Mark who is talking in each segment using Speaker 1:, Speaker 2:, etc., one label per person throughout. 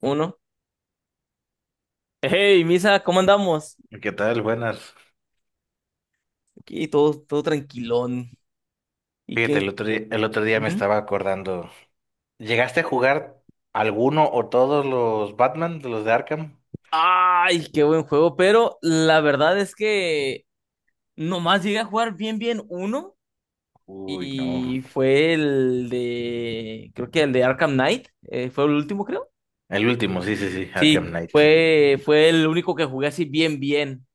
Speaker 1: Uno. Hey, Misa, ¿cómo andamos?
Speaker 2: ¿Qué tal? Buenas.
Speaker 1: Aquí todo, todo tranquilón. ¿Y
Speaker 2: Fíjate,
Speaker 1: qué?
Speaker 2: el otro día me
Speaker 1: Ujú.
Speaker 2: estaba acordando. ¿Llegaste a jugar alguno o todos los Batman de los de Arkham?
Speaker 1: Ay, qué buen juego, pero la verdad es que nomás llegué a jugar bien, bien uno
Speaker 2: Uy, no.
Speaker 1: y fue el de, creo que el de Arkham Knight, fue el último, creo.
Speaker 2: El último, sí, sí, sí, Arkham
Speaker 1: Sí,
Speaker 2: Knight.
Speaker 1: fue el único que jugué así bien, bien.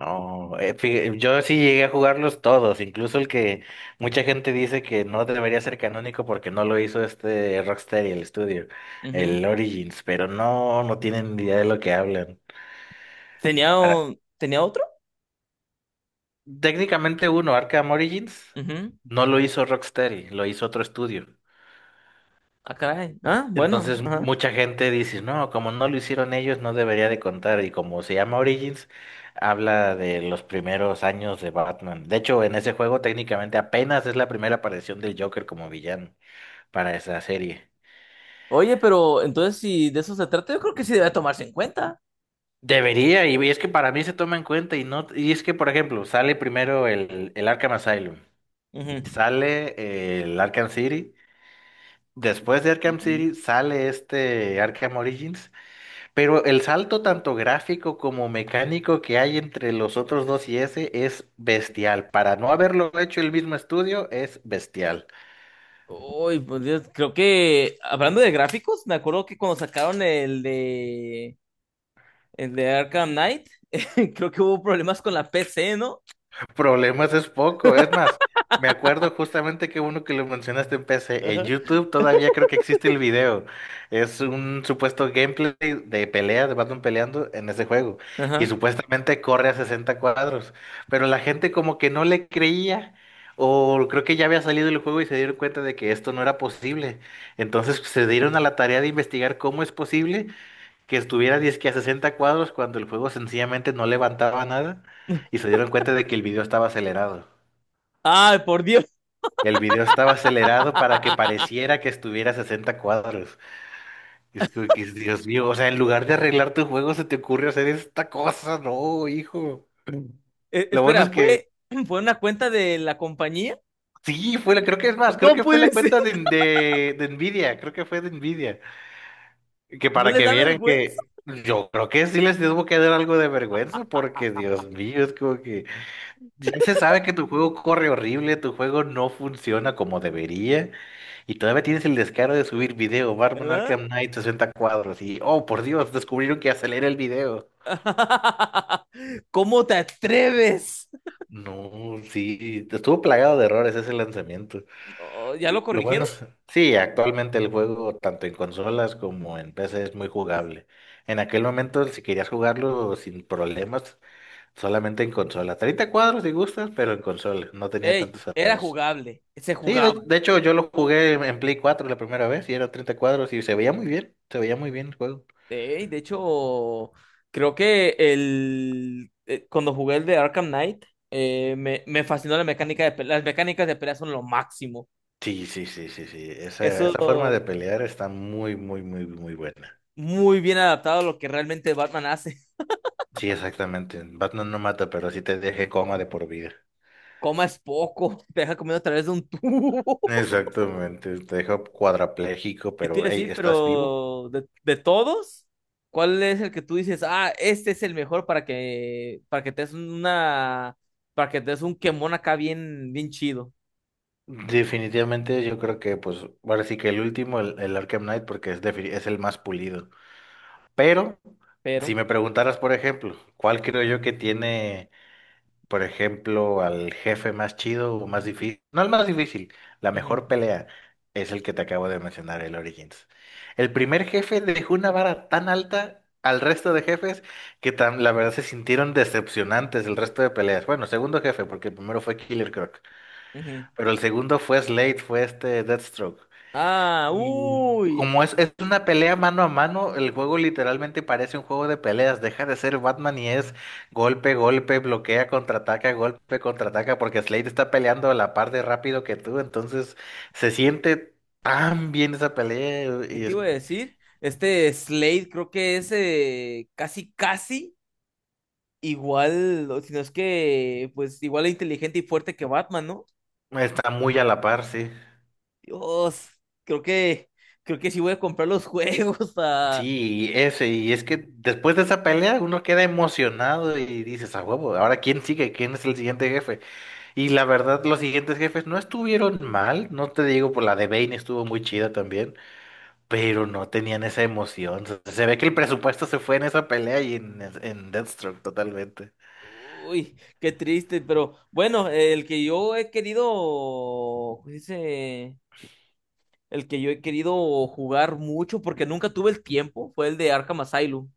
Speaker 2: No, yo sí llegué a jugarlos todos, incluso el que mucha gente dice que no debería ser canónico porque no lo hizo este Rocksteady, el estudio,
Speaker 1: Ujú.
Speaker 2: el Origins, pero no, no tienen ni idea de lo que hablan.
Speaker 1: ¿Tenía,
Speaker 2: Para-
Speaker 1: o- tenía otro?
Speaker 2: Técnicamente uno, Arkham Origins,
Speaker 1: Ujú.
Speaker 2: no lo hizo Rocksteady, lo hizo otro estudio.
Speaker 1: Ah, caray. Ah, bueno.
Speaker 2: Entonces
Speaker 1: Ajá.
Speaker 2: mucha gente dice, no, como no lo hicieron ellos, no debería de contar. Y como se llama Origins, habla de los primeros años de Batman. De hecho, en ese juego técnicamente apenas es la primera aparición del Joker como villano para esa serie.
Speaker 1: Oye, pero entonces si de eso se trata, yo creo que sí debe tomarse en cuenta.
Speaker 2: Debería, y es que para mí se toma en cuenta y no, y es que, por ejemplo, sale primero el Arkham Asylum,
Speaker 1: Ujú.
Speaker 2: sale el Arkham City, después de Arkham
Speaker 1: Ujú.
Speaker 2: City sale este Arkham Origins. Pero el salto tanto gráfico como mecánico que hay entre los otros dos y ese es bestial. Para no haberlo hecho el mismo estudio, es bestial.
Speaker 1: Uy, pues Dios, creo que hablando de gráficos, me acuerdo que cuando sacaron el de Arkham Knight, creo que hubo problemas con la PC, ¿no?
Speaker 2: Problemas es poco, es más, me acuerdo justamente que uno que lo mencionaste en PC, en
Speaker 1: Ajá.
Speaker 2: YouTube todavía creo que existe el video, es un supuesto gameplay de pelea, de Batman peleando en ese juego, y
Speaker 1: Ajá.
Speaker 2: supuestamente corre a 60 cuadros, pero la gente como que no le creía, o creo que ya había salido el juego y se dieron cuenta de que esto no era posible, entonces se dieron a la tarea de investigar cómo es posible que estuviera dizque a 60 cuadros cuando el juego sencillamente no levantaba nada y se dieron cuenta de que el video estaba acelerado.
Speaker 1: Ay, por Dios.
Speaker 2: El video estaba acelerado para que pareciera que estuviera a 60 cuadros. Es como que, Dios mío, o sea, en lugar de arreglar tu juego se te ocurre hacer esta cosa, no, hijo.
Speaker 1: Eh,
Speaker 2: Lo bueno
Speaker 1: espera,
Speaker 2: es que
Speaker 1: ¿fue, fue una cuenta de la compañía?
Speaker 2: sí, fue la, creo que es más, creo
Speaker 1: No
Speaker 2: que fue
Speaker 1: puede
Speaker 2: la
Speaker 1: ser.
Speaker 2: cuenta de, de Nvidia, creo que fue de Nvidia, que
Speaker 1: ¿No
Speaker 2: para
Speaker 1: les
Speaker 2: que
Speaker 1: da
Speaker 2: vieran
Speaker 1: vergüenza?
Speaker 2: que yo creo que sí les tuvo que dar algo de vergüenza porque Dios mío, es como que ya se sabe que tu juego corre horrible, tu juego no funciona como debería, y todavía tienes el descaro de subir video, Batman
Speaker 1: ¿Verdad?
Speaker 2: Arkham Knight 60 cuadros, y oh por Dios, descubrieron que acelera el video.
Speaker 1: ¿Cómo te atreves?
Speaker 2: No, sí, estuvo plagado de errores ese lanzamiento.
Speaker 1: No, ¿ya lo
Speaker 2: Lo bueno
Speaker 1: corrigieron?
Speaker 2: es, sí, actualmente el juego, tanto en consolas como en PC, es muy jugable. En aquel momento, si querías jugarlo sin problemas, solamente en consola, 30 cuadros si gustas, pero en consola, no tenía
Speaker 1: Ey,
Speaker 2: tantos
Speaker 1: era
Speaker 2: errores.
Speaker 1: jugable, se
Speaker 2: Sí, de,
Speaker 1: jugaba.
Speaker 2: de hecho yo lo jugué en Play 4 la primera vez y era 30 cuadros y se veía muy bien, se veía muy bien el juego.
Speaker 1: Ey, de hecho, creo que cuando jugué el de Arkham Knight, me fascinó la mecánica de pelea. Las mecánicas de pelea son lo máximo.
Speaker 2: Sí, sí, sí, sí, sí. Esa,
Speaker 1: Eso
Speaker 2: esa forma de pelear está muy, muy, muy, muy buena.
Speaker 1: muy bien adaptado a lo que realmente Batman hace.
Speaker 2: Sí, exactamente. Batman no mata, pero sí te deja en coma de por vida.
Speaker 1: Comas poco, te deja comiendo a través de un tubo.
Speaker 2: Exactamente, te deja cuadrapléjico,
Speaker 1: ¿Qué te
Speaker 2: pero
Speaker 1: iba a
Speaker 2: hey,
Speaker 1: decir?
Speaker 2: ¿estás vivo?
Speaker 1: Pero de todos, ¿cuál es el que tú dices, ah, este es el mejor para que te des un quemón acá bien, bien chido?
Speaker 2: Definitivamente yo creo que pues ahora sí que el último, el Arkham Knight, porque es el más pulido. Pero si
Speaker 1: Pero.
Speaker 2: me preguntaras, por ejemplo, ¿cuál creo yo que tiene, por ejemplo, al jefe más chido o más difícil, no el más difícil, la
Speaker 1: Ujú,
Speaker 2: mejor pelea? Es el que te acabo de mencionar, el Origins. El primer jefe dejó una vara tan alta al resto de jefes que la verdad se sintieron decepcionantes el resto de peleas. Bueno, segundo jefe, porque el primero fue Killer Croc,
Speaker 1: ujú.
Speaker 2: pero el segundo fue Slade, fue este Deathstroke.
Speaker 1: Ah,
Speaker 2: Y
Speaker 1: uy,
Speaker 2: como es una pelea mano a mano, el juego literalmente parece un juego de peleas. Deja de ser Batman y es golpe, golpe, bloquea, contraataca, golpe, contraataca, porque Slade está peleando a la par de rápido que tú. Entonces se siente tan bien esa pelea
Speaker 1: ¿qué
Speaker 2: y
Speaker 1: te iba a decir? Este Slade creo que es casi, casi igual, o si no es que, pues igual de inteligente y fuerte que Batman, ¿no?
Speaker 2: está muy a la par, sí.
Speaker 1: Dios, creo que, creo que sí voy a comprar los juegos. ah.
Speaker 2: Sí, y ese, y es que después de esa pelea uno queda emocionado y dices, a huevo, ahora quién sigue, quién es el siguiente jefe. Y la verdad, los siguientes jefes no estuvieron mal, no te digo, por la de Bane estuvo muy chida también, pero no tenían esa emoción. Se ve que el presupuesto se fue en esa pelea y en Deathstroke totalmente.
Speaker 1: Uy, qué triste, pero bueno, el que yo he querido, ¿cómo se dice? El que yo he querido jugar mucho porque nunca tuve el tiempo fue el de Arkham Asylum.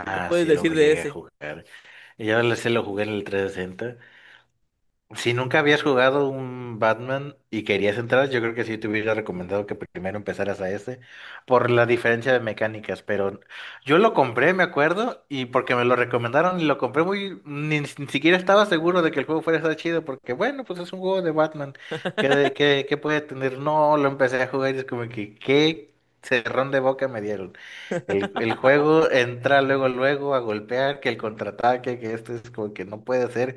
Speaker 1: ¿Qué me puedes
Speaker 2: sí, luego
Speaker 1: decir de
Speaker 2: llegué a
Speaker 1: ese?
Speaker 2: jugar. Y ahora se lo jugué en el 360. Si nunca habías jugado un Batman y querías entrar, yo creo que sí te hubiera recomendado que primero empezaras a ese, por la diferencia de mecánicas, pero yo lo compré, me acuerdo, y porque me lo recomendaron y lo compré muy, ni siquiera estaba seguro de que el juego fuera a estar chido, porque bueno, pues es un juego de Batman, ¿qué puede tener? No, lo empecé a jugar y es como que, ¿qué cerrón de boca me dieron? El juego entra luego, luego a golpear, que el contraataque, que esto es como que no puede ser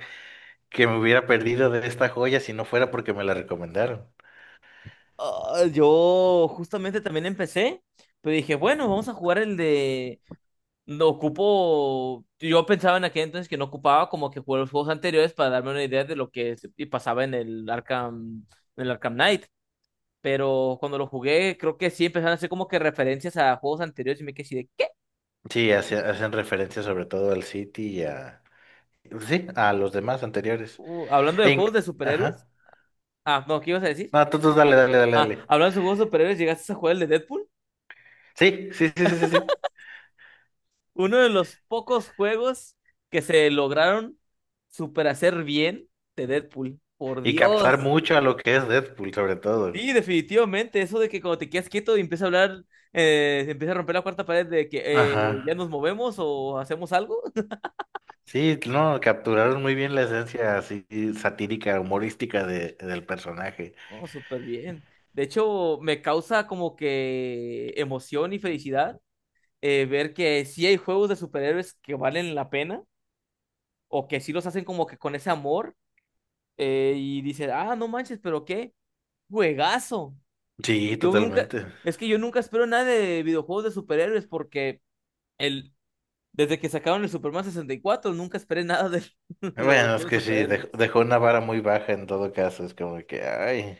Speaker 2: que me hubiera perdido de esta joya si no fuera porque me la recomendaron.
Speaker 1: Ah, yo justamente también empecé, pero dije, bueno, vamos a jugar el de. No ocupo. Yo pensaba en aquel entonces que no ocupaba como que jugar los juegos anteriores para darme una idea de lo que y pasaba en el Arkham Knight. Pero cuando lo jugué, creo que sí empezaron a hacer como que referencias a juegos anteriores y me quedé así de, ¿qué?
Speaker 2: Sí, hacen referencia sobre todo al City y a... Sí, a los demás anteriores.
Speaker 1: Hablando de
Speaker 2: E
Speaker 1: juegos
Speaker 2: inc-
Speaker 1: de superhéroes.
Speaker 2: Ajá.
Speaker 1: Ah, no, ¿qué ibas a decir?
Speaker 2: No, tú dale, dale, dale,
Speaker 1: Ah,
Speaker 2: dale.
Speaker 1: hablando de juegos de superhéroes, ¿llegaste a jugar el de Deadpool?
Speaker 2: Sí, sí, sí, sí, sí, sí.
Speaker 1: Uno de los pocos juegos que se lograron super hacer bien de Deadpool. Por
Speaker 2: Y captar
Speaker 1: Dios.
Speaker 2: mucho a lo que es Deadpool, sobre todo.
Speaker 1: Sí, definitivamente. Eso de que cuando te quedas quieto y empieza a hablar, empieza a romper la cuarta pared de que eh,
Speaker 2: Ajá.
Speaker 1: ya nos movemos o hacemos algo.
Speaker 2: Sí, no, capturaron muy bien la esencia así satírica, humorística del personaje.
Speaker 1: Oh, súper bien. De hecho, me causa como que emoción y felicidad ver que sí hay juegos de superhéroes que valen la pena o que sí los hacen como que con ese amor y dices, ah, no manches, pero qué juegazo.
Speaker 2: Sí,
Speaker 1: Yo nunca,
Speaker 2: totalmente.
Speaker 1: es que yo nunca espero nada de videojuegos de superhéroes porque el, desde que sacaron el Superman 64 nunca esperé nada de los
Speaker 2: Bueno, es
Speaker 1: juegos
Speaker 2: que
Speaker 1: de
Speaker 2: sí, dej-
Speaker 1: superhéroes.
Speaker 2: dejó una vara muy baja en todo caso, es como que, ay.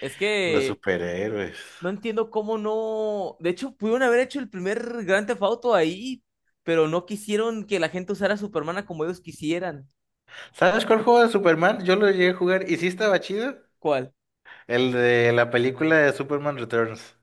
Speaker 1: Es
Speaker 2: Los
Speaker 1: que
Speaker 2: superhéroes.
Speaker 1: no entiendo cómo no, de hecho pudieron haber hecho el primer Grand Theft Auto ahí, pero no quisieron que la gente usara a Superman a como ellos quisieran.
Speaker 2: ¿Sabes cuál juego de Superman? Yo lo llegué a jugar y sí estaba chido.
Speaker 1: ¿Cuál?
Speaker 2: El de la película de Superman Returns.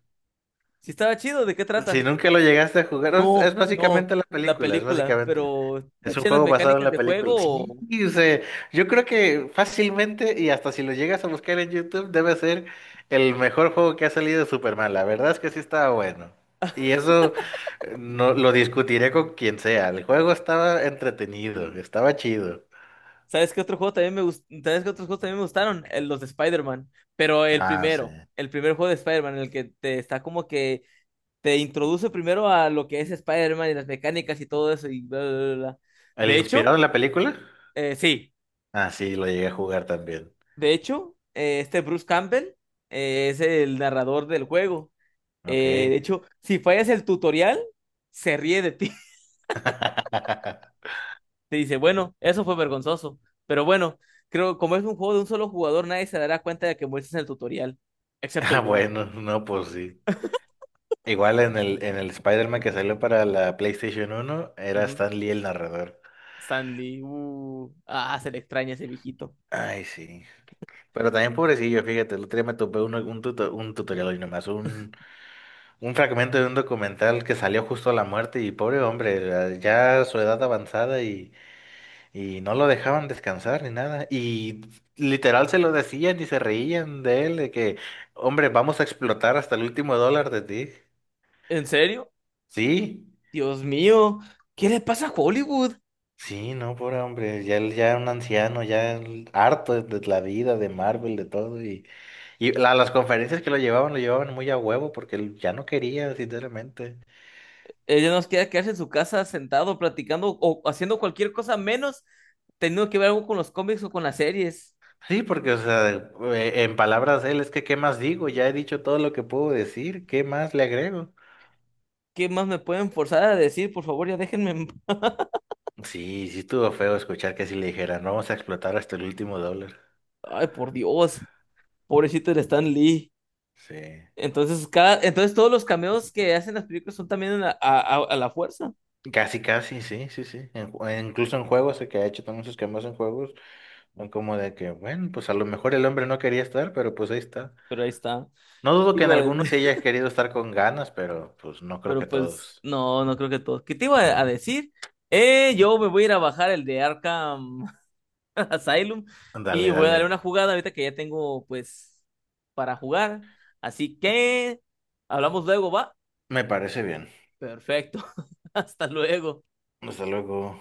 Speaker 1: Si estaba chido, ¿de qué
Speaker 2: Si
Speaker 1: trata?
Speaker 2: nunca lo llegaste a jugar, es,
Speaker 1: No,
Speaker 2: es
Speaker 1: no,
Speaker 2: básicamente la
Speaker 1: la
Speaker 2: película, es
Speaker 1: película,
Speaker 2: básicamente.
Speaker 1: pero
Speaker 2: Es un
Speaker 1: taché las
Speaker 2: juego basado en
Speaker 1: mecánicas
Speaker 2: la
Speaker 1: de
Speaker 2: película. Sí,
Speaker 1: juego.
Speaker 2: o sea, yo creo que fácilmente y hasta si lo llegas a buscar en YouTube debe ser el mejor juego que ha salido de Superman. La verdad es que sí estaba bueno. Y eso no lo discutiré con quien sea. El juego estaba entretenido, estaba chido.
Speaker 1: ¿Sabes qué otros juegos también me gustaron? Los de Spider-Man. Pero el
Speaker 2: Ah, sí.
Speaker 1: primero, el primer juego de Spider-Man, en el que te está como que te introduce primero a lo que es Spider-Man y las mecánicas y todo eso y bla, bla, bla, bla.
Speaker 2: ¿El
Speaker 1: De
Speaker 2: inspirado
Speaker 1: hecho,
Speaker 2: en la película?
Speaker 1: sí,
Speaker 2: Ah, sí, lo llegué a jugar también.
Speaker 1: de hecho, este Bruce Campbell es el narrador del juego.
Speaker 2: Ok.
Speaker 1: De hecho, si fallas el tutorial, se ríe de ti. Te dice, bueno, eso fue vergonzoso. Pero bueno, creo como es un juego de un solo jugador, nadie se dará cuenta de que muestras el tutorial, excepto
Speaker 2: Ah,
Speaker 1: yo.
Speaker 2: bueno, no, pues sí. Igual en el Spider-Man que salió para la PlayStation 1 era
Speaker 1: Ujú.
Speaker 2: Stan Lee el narrador.
Speaker 1: Stanley, ah, se le extraña ese viejito.
Speaker 2: Ay, sí. Pero también pobrecillo, fíjate, el otro día me topé un, un tutorial y nomás, un fragmento de un documental que salió justo a la muerte y pobre hombre, ya ya su edad avanzada. Y no lo dejaban descansar ni nada. Y literal se lo decían y se reían de él, de que, hombre, vamos a explotar hasta el último dólar de ti.
Speaker 1: ¿En serio?
Speaker 2: Sí,
Speaker 1: Dios mío, ¿qué le pasa a Hollywood?
Speaker 2: sí, no, pobre hombre, ya, ya un anciano, ya él harto de la vida, de Marvel, de todo. Y las conferencias que lo llevaban muy a huevo porque él ya no quería, sinceramente.
Speaker 1: Ella nos queda quedarse en su casa sentado, platicando o haciendo cualquier cosa menos teniendo que ver algo con los cómics o con las series.
Speaker 2: Sí, porque, o sea, en palabras de él, es que, ¿qué más digo? Ya he dicho todo lo que puedo decir, ¿qué más le agrego?
Speaker 1: ¿Qué más me pueden forzar a decir? Por favor, ya déjenme en.
Speaker 2: Sí, sí estuvo feo escuchar que así le dijeran, vamos a explotar hasta el último dólar.
Speaker 1: Ay, por Dios, pobrecito el Stan Lee.
Speaker 2: Sí.
Speaker 1: Entonces, todos los cameos que hacen las películas son también a la fuerza,
Speaker 2: Casi, casi, sí, sí, sí. Incluso en juegos, el que ha hecho también sus cambios en juegos, son como de que, bueno, pues a lo mejor el hombre no quería estar, pero pues ahí está.
Speaker 1: pero ahí está.
Speaker 2: No dudo
Speaker 1: Te
Speaker 2: que en
Speaker 1: iba a
Speaker 2: algunos
Speaker 1: decir-
Speaker 2: sí haya querido estar con ganas, pero pues no creo que
Speaker 1: Pero pues,
Speaker 2: todos.
Speaker 1: no, no creo que todos. ¿Qué te iba a decir? Yo me voy a ir a bajar el de Arkham Asylum y
Speaker 2: Dale,
Speaker 1: voy a darle una
Speaker 2: dale.
Speaker 1: jugada ahorita que ya tengo, pues, para jugar. Así que, hablamos luego, ¿va?
Speaker 2: Me parece bien.
Speaker 1: Perfecto. Hasta luego.
Speaker 2: Hasta luego.